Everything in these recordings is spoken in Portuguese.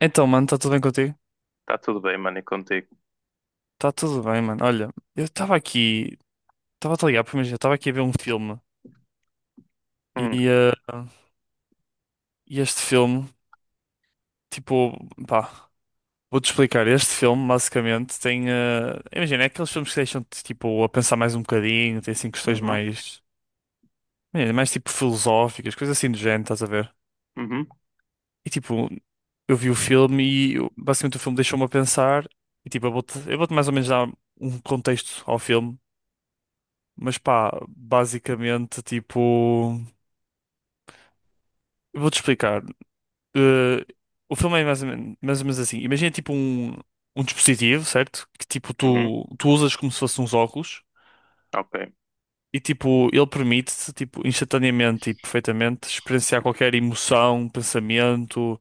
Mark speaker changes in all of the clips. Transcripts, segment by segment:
Speaker 1: Então, mano, está tudo bem contigo?
Speaker 2: Tá tudo bem, mano, e contigo?
Speaker 1: Está tudo bem, mano. Olha, eu estava aqui, estava a te ligar, porque imagina, eu estava aqui a ver um filme e,
Speaker 2: Hum.
Speaker 1: eh, e este filme, tipo, pá, vou-te explicar. Este filme, basicamente, tem, imagina, é aqueles filmes que deixam-te, tipo, a pensar mais um bocadinho, tem, assim, questões
Speaker 2: Uhum.
Speaker 1: mais, imagina, mais, tipo, filosóficas, coisas assim do género, estás a ver?
Speaker 2: Uhum.
Speaker 1: E, tipo, eu vi o filme e, basicamente, o filme deixou-me a pensar e, tipo, eu vou-te mais ou menos dar um contexto ao filme. Mas pá, basicamente, tipo, eu vou-te explicar. Eh, o filme é mais ou menos assim. Um dispositivo, certo? Que tipo
Speaker 2: Uhum.
Speaker 1: tu usas como se fosse uns óculos
Speaker 2: Ok.
Speaker 1: e tipo ele permite-te tipo, instantaneamente e perfeitamente experienciar qualquer emoção, pensamento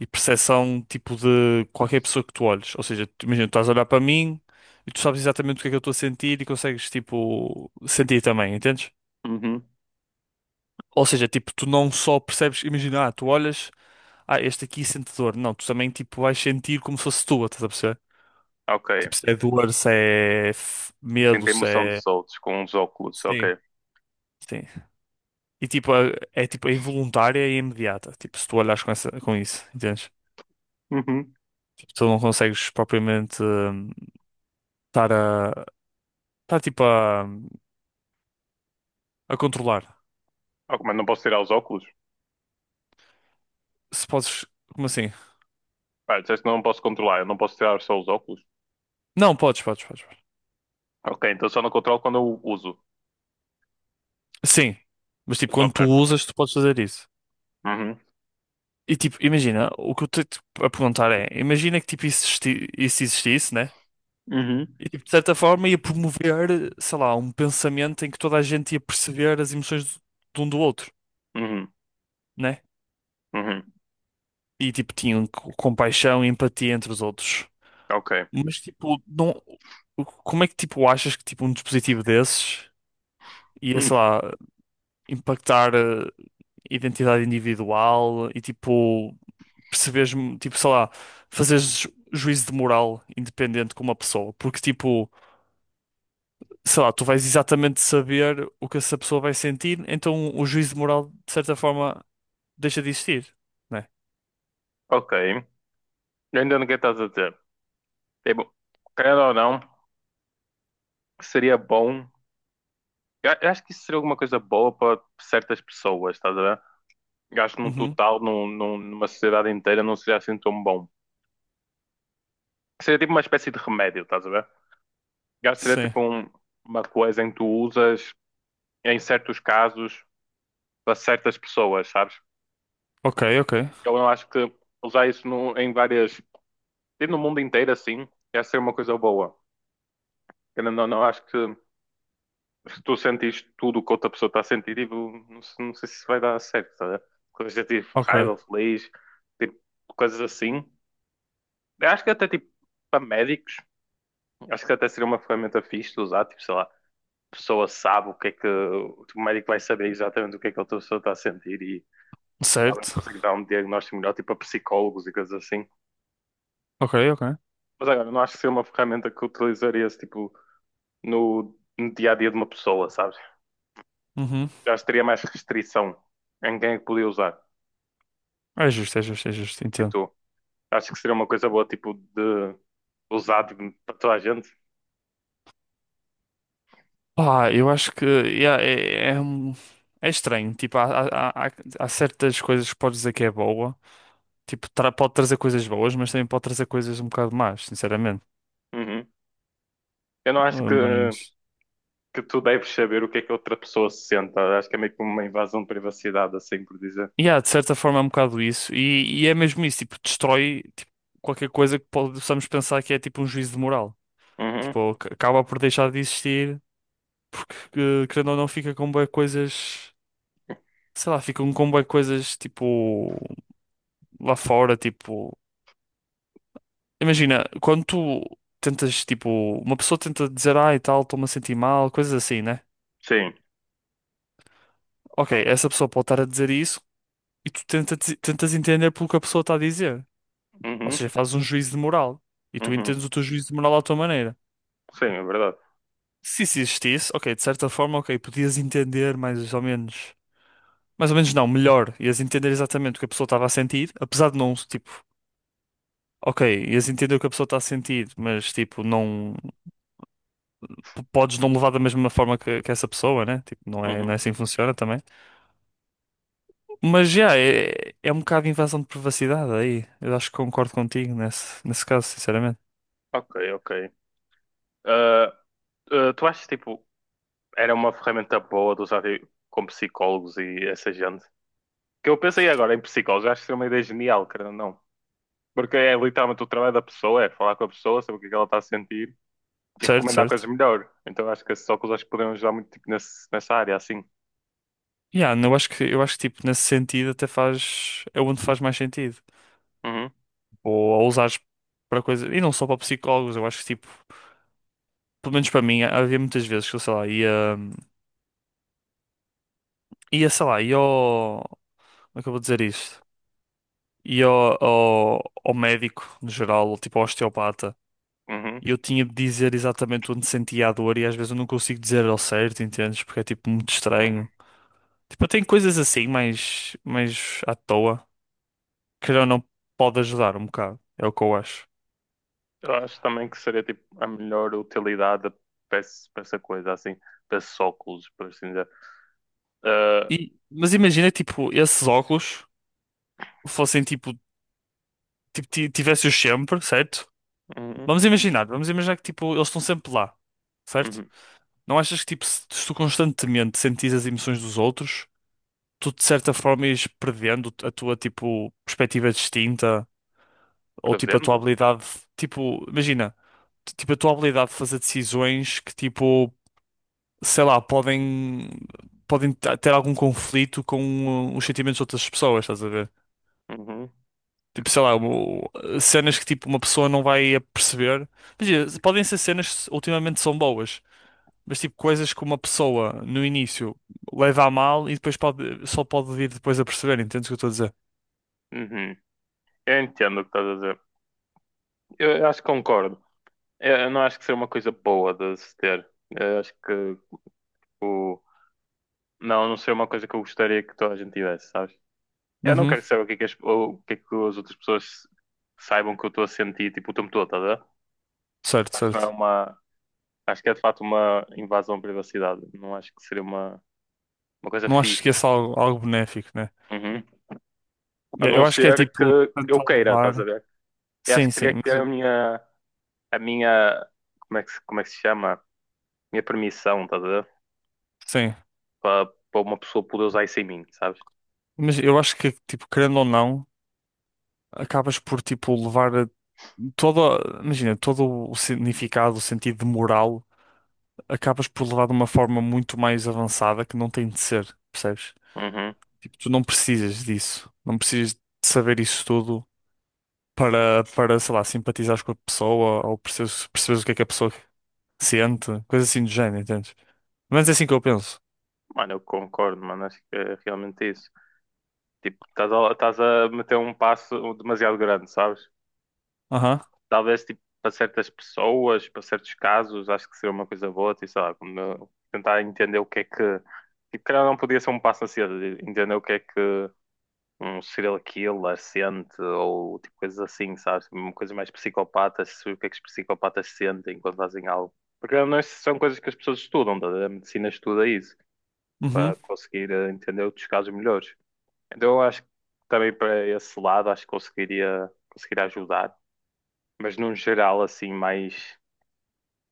Speaker 1: e percepção tipo de qualquer pessoa que tu olhes. Ou seja, imagina, tu estás a olhar para mim e tu sabes exatamente o que é que eu estou a sentir e consegues tipo sentir também, entendes?
Speaker 2: Uhum.
Speaker 1: Ou seja, tipo, tu não só percebes, imagina, ah, tu olhas, ah, este aqui sente dor. Não, tu também, tipo, vais sentir como se fosse tua, estás a perceber?
Speaker 2: Ok.
Speaker 1: Tipo, se é dor, se é f- medo,
Speaker 2: Sinto a
Speaker 1: se
Speaker 2: emoção
Speaker 1: é...
Speaker 2: dos outros com os óculos,
Speaker 1: Sim.
Speaker 2: ok.
Speaker 1: Sim. E, tipo, é involuntária e imediata. Tipo, se tu olhas com, essa, com isso, entendes?
Speaker 2: Uhum.
Speaker 1: Tipo, tu não consegues propriamente estar a... estar, a controlar.
Speaker 2: Ok, mas não posso tirar os óculos?
Speaker 1: Se podes... Como assim?
Speaker 2: Ah, disseste que não posso controlar, eu não posso tirar só os óculos.
Speaker 1: Não, podes.
Speaker 2: Ok, então só não controlo quando eu uso.
Speaker 1: Sim. Mas, tipo, quando
Speaker 2: Ok.
Speaker 1: tu usas, tu podes fazer isso.
Speaker 2: Uhum.
Speaker 1: E tipo, imagina, o que eu estou a perguntar é, imagina que tipo isso, isso existisse, né?
Speaker 2: Uhum.
Speaker 1: E tipo, de certa forma ia promover, sei lá, um pensamento em que toda a gente ia perceber as emoções de um do outro,
Speaker 2: Uhum.
Speaker 1: né?
Speaker 2: Uhum.
Speaker 1: E tipo, tinham compaixão e empatia entre os outros.
Speaker 2: Ok.
Speaker 1: Mas tipo, não, como é que tipo achas que tipo um dispositivo desses ia,
Speaker 2: Hum.
Speaker 1: sei lá, impactar a identidade individual e tipo perceberes, tipo, sei lá, fazeres juízo de moral independente com uma pessoa, porque, tipo, sei lá, tu vais exatamente saber o que essa pessoa vai sentir, então o juízo de moral, de certa forma, deixa de existir, né?
Speaker 2: Ok. Eu ainda não que estás a dizer. Tipo, querendo ou não, seria bom. Eu acho que isso seria alguma coisa boa para certas pessoas, estás a ver? Gasto num
Speaker 1: Uhum.
Speaker 2: total, numa sociedade inteira, não seria assim tão bom. Seria tipo uma espécie de remédio, estás a ver? Gasto seria
Speaker 1: Sim.
Speaker 2: tipo uma coisa em que tu usas em certos casos para certas pessoas, sabes?
Speaker 1: Ok, ok.
Speaker 2: Eu não acho que usar isso em várias. Tipo no mundo inteiro assim, ia ser uma coisa boa. Eu não acho que se tu sentires tudo o que outra pessoa está a sentir, tipo, não, não sei se vai dar certo, estás a ver? Coisas de tipo
Speaker 1: Ok.
Speaker 2: raiva, feliz, tipo, coisas assim. Eu acho que até tipo para médicos. Acho que até seria uma ferramenta fixe de usar, tipo, sei lá, a pessoa sabe o que é que o médico vai saber exatamente o que é que a pessoa está a sentir e talvez
Speaker 1: Certo.
Speaker 2: consegue dar um diagnóstico melhor, tipo, a psicólogos e coisas assim.
Speaker 1: Ok, ok.
Speaker 2: Mas agora, não acho que seria uma ferramenta que utilizaria-se, tipo, no dia a dia de uma pessoa, sabes?
Speaker 1: Uhum.
Speaker 2: Eu acho que teria mais restrição em quem é que podia usar.
Speaker 1: É justo, é justo, é justo,
Speaker 2: E
Speaker 1: entendo.
Speaker 2: tu? Acho que seria uma coisa boa, tipo, de usar tipo, para toda a gente.
Speaker 1: Pá, eu acho que yeah, é estranho. Tipo, há certas coisas que podes dizer que é boa, tipo, pode trazer coisas boas, mas também pode trazer coisas um bocado más, sinceramente.
Speaker 2: Uhum. Eu não acho que
Speaker 1: Mas,
Speaker 2: que tu deves saber o que é que a outra pessoa se sente. Acho que é meio que uma invasão de privacidade, assim por dizer.
Speaker 1: yeah, de certa forma é um bocado isso. E é mesmo isso, tipo, destrói tipo, qualquer coisa que possamos pensar que é tipo um juízo de moral.
Speaker 2: Uhum.
Speaker 1: Tipo, acaba por deixar de existir, porque, querendo ou não, fica com bué coisas, sei lá, ficam com bué coisas, tipo, lá fora, tipo... Imagina, quando tu tentas, tipo, uma pessoa tenta dizer, ah, e tal, estou-me a sentir mal, coisas assim, né?
Speaker 2: Sim.
Speaker 1: Ok, essa pessoa pode estar a dizer isso e tentas entender pelo que a pessoa está a dizer. Ou
Speaker 2: Uhum.
Speaker 1: seja, fazes um juízo de moral e tu
Speaker 2: Uhum.
Speaker 1: entendes o teu juízo de moral à tua maneira.
Speaker 2: Sim, é verdade.
Speaker 1: Se isso existisse, ok, de certa forma, ok, podias entender mais ou menos. Mais ou menos não, melhor. Ias entender exatamente o que a pessoa estava a sentir, apesar de não, tipo, ok, ias entender o que a pessoa está a sentir, mas tipo, não podes não levar da mesma forma que essa pessoa, né? Tipo, não é
Speaker 2: Uhum.
Speaker 1: assim que funciona também. Mas já, é um bocado de invasão de privacidade aí. Eu acho que concordo contigo nesse caso, sinceramente.
Speaker 2: Ok, ok. Ah, ah, tu achas, tipo, era uma ferramenta boa de usar tipo, com psicólogos e essa gente? Que eu pensei agora em psicólogos, acho que é uma ideia genial, querendo ou não. Porque é literalmente o trabalho da pessoa, é falar com a pessoa, saber o que é que ela está a sentir e
Speaker 1: Certo,
Speaker 2: recomendar coisas
Speaker 1: certo.
Speaker 2: melhor. Então acho que esses óculos acho que poderiam ajudar muito tipo, nessa área, assim.
Speaker 1: Yeah, não, eu acho que tipo nesse sentido até faz é onde faz mais sentido.
Speaker 2: Uhum.
Speaker 1: Tipo, ou a usares para coisas e não só para psicólogos, eu acho que tipo, pelo menos para mim, havia muitas vezes que eu sei lá, ia ia sei lá, como é que eu vou dizer isto? Ia ao médico no geral, ou tipo ao osteopata.
Speaker 2: Uhum.
Speaker 1: E eu tinha de dizer exatamente onde sentia a dor e às vezes eu não consigo dizer ao certo, entendes? Porque é tipo muito estranho.
Speaker 2: Uhum.
Speaker 1: Tipo, eu tenho coisas assim, mais à toa, que ou não pode ajudar um bocado. É o que eu acho.
Speaker 2: Eu acho também que seria tipo a melhor utilidade para para essa coisa, assim, para esses óculos, por assim dizer. Ah.
Speaker 1: Mas imagina que tipo, esses óculos fossem tipo, tivesse-os sempre, certo?
Speaker 2: Uhum.
Speaker 1: Vamos imaginar que tipo, eles estão sempre lá, certo?
Speaker 2: Uhum.
Speaker 1: Não achas que tipo, se tu constantemente sentires as emoções dos outros, tu de certa forma ires perdendo a tua tipo perspectiva distinta ou tipo a tua
Speaker 2: Prevendo?
Speaker 1: habilidade, tipo, imagina, tipo a tua habilidade de fazer decisões que tipo, sei lá, podem ter algum conflito com os sentimentos de outras pessoas, estás a ver?
Speaker 2: Uhum.
Speaker 1: Tipo, sei lá, cenas que tipo uma pessoa não vai perceber. Imagina, podem ser cenas que ultimamente são boas, mas tipo coisas que uma pessoa no início leva a mal e depois pode, só pode vir depois a perceber, entendes o que eu estou a dizer?
Speaker 2: Uhum. Eu entendo o que estás a dizer. Eu acho que concordo. Eu não acho que seria uma coisa boa de se ter. Eu acho que o. Não, não seria uma coisa que eu gostaria que toda a gente tivesse, sabes? Eu não
Speaker 1: Uhum.
Speaker 2: quero saber o que é que as outras pessoas saibam que eu estou a sentir, tipo, o tempo todo, estás a ver?
Speaker 1: Certo,
Speaker 2: Acho que não é
Speaker 1: certo.
Speaker 2: uma. Acho que é de facto uma invasão à privacidade. Não acho que seria uma coisa
Speaker 1: Não acho
Speaker 2: fixe.
Speaker 1: que esse é algo benéfico, né?
Speaker 2: Uhum. A não
Speaker 1: Eu acho que é
Speaker 2: ser que
Speaker 1: tipo
Speaker 2: eu
Speaker 1: tentar
Speaker 2: queira, estás a
Speaker 1: levar.
Speaker 2: ver? Eu acho
Speaker 1: Sim,
Speaker 2: que
Speaker 1: sim,
Speaker 2: teria que
Speaker 1: mas
Speaker 2: ter a minha, como é que, como é que se chama? Minha permissão, estás a ver?
Speaker 1: sim.
Speaker 2: Para uma pessoa poder usar isso em mim, sabes?
Speaker 1: Mas eu acho que tipo, querendo ou não, acabas por tipo levar a- toda, imagina, todo o significado, o sentido de moral acabas por levar de uma forma muito mais avançada que não tem de ser, percebes?
Speaker 2: Uhum.
Speaker 1: Tipo, tu não precisas disso. Não precisas de saber isso tudo para, sei lá, simpatizares com a pessoa ou perceberes o que é que a pessoa sente, coisa assim do género, entendes? Mas é assim que eu penso.
Speaker 2: Mano, eu concordo, mano. Acho que é realmente isso. Tipo, estás a meter um passo demasiado grande, sabes?
Speaker 1: Aham,
Speaker 2: Talvez tipo para certas pessoas, para certos casos, acho que seria uma coisa boa, tipo, sei lá, como tentar entender o que é que. Tipo, calhar não podia ser um passo a ser, entender o que é que um serial killer sente ou tipo coisas assim, sabes? Uma coisa mais psicopatas, o que é que os psicopatas sentem quando fazem algo. Porque não é- são coisas que as pessoas estudam, tá? A medicina estuda isso,
Speaker 1: uhum,
Speaker 2: para conseguir entender outros casos melhores. Então eu acho que também para esse lado acho que conseguiria ajudar. Mas num geral assim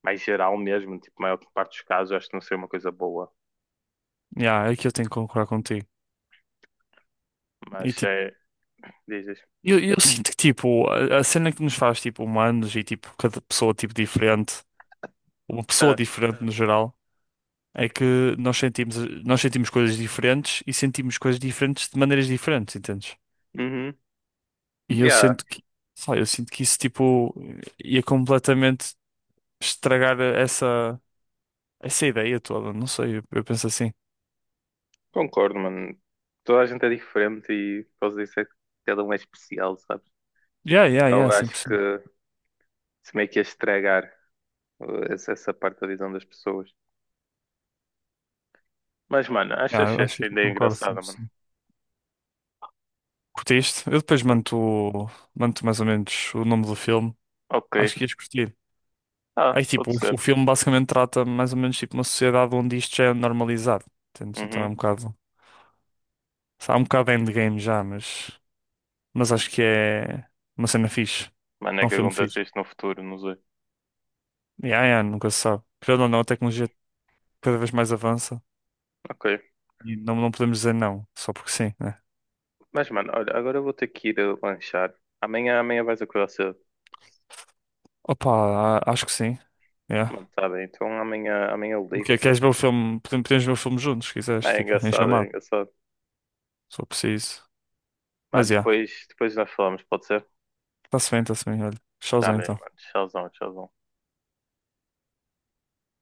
Speaker 2: mais geral mesmo, tipo, a maior parte dos casos, acho que não seria uma coisa boa.
Speaker 1: yeah, é que eu tenho que concordar contigo. E
Speaker 2: Mas
Speaker 1: tipo,
Speaker 2: é, dizes.
Speaker 1: eu sinto que tipo, a cena que nos faz tipo humanos e tipo, cada pessoa tipo diferente, uma pessoa
Speaker 2: Ah.
Speaker 1: diferente no geral. É que nós sentimos coisas diferentes e sentimos coisas diferentes de maneiras diferentes, entendes?
Speaker 2: Uhum.
Speaker 1: E eu
Speaker 2: Yeah,
Speaker 1: sinto que, sei lá, eu sinto que isso tipo ia completamente estragar essa ideia toda, não sei, eu penso assim.
Speaker 2: concordo, mano. Toda a gente é diferente e posso dizer que cada um é especial, sabes?
Speaker 1: Yeah, yeah, yeah,
Speaker 2: Eu acho que
Speaker 1: 100%.
Speaker 2: se meio que ia estragar essa parte da visão das pessoas. Mas, mano, acho
Speaker 1: Yeah,
Speaker 2: que
Speaker 1: eu acho que
Speaker 2: essa
Speaker 1: aqui
Speaker 2: ideia
Speaker 1: concordo
Speaker 2: engraçada, mano.
Speaker 1: 100%. Curtiste? Eu depois mando mais ou menos o nome do filme.
Speaker 2: Ok.
Speaker 1: Acho que ias curtir.
Speaker 2: Ah,
Speaker 1: Aí
Speaker 2: pode
Speaker 1: tipo, o
Speaker 2: ser.
Speaker 1: filme basicamente trata mais ou menos tipo uma sociedade onde isto já é normalizado, entendes? Então é
Speaker 2: Uhum.
Speaker 1: um bocado. Há um bocado de endgame já, mas acho que é uma cena fixe.
Speaker 2: Mano,
Speaker 1: É
Speaker 2: é
Speaker 1: um
Speaker 2: que
Speaker 1: filme
Speaker 2: acontece
Speaker 1: fixe.
Speaker 2: isto no futuro, não sei.
Speaker 1: Yeah, yeah, nunca se sabe. Querendo ou não, a tecnologia cada vez mais avança
Speaker 2: Ok.
Speaker 1: e não, não podemos dizer não, só porque sim, né?
Speaker 2: Mas, mano, olha, agora eu vou ter que ir lanchar. Amanhã vais acordar cedo.
Speaker 1: Opa, acho que sim.
Speaker 2: Mano,
Speaker 1: Yeah.
Speaker 2: tá bem. Então amanhã eu
Speaker 1: O que é?
Speaker 2: ligo-te.
Speaker 1: Queres ver o filme? Podemos ver o filme juntos, se quiseres,
Speaker 2: É
Speaker 1: tipo, em
Speaker 2: engraçado, é
Speaker 1: chamado,
Speaker 2: engraçado.
Speaker 1: se for preciso.
Speaker 2: Mano,
Speaker 1: Mas yeah,
Speaker 2: depois nós falamos, pode ser?
Speaker 1: está-se bem, olha.
Speaker 2: Tá
Speaker 1: Showzão
Speaker 2: bem,
Speaker 1: então.
Speaker 2: mano. Tchauzão, tchauzão.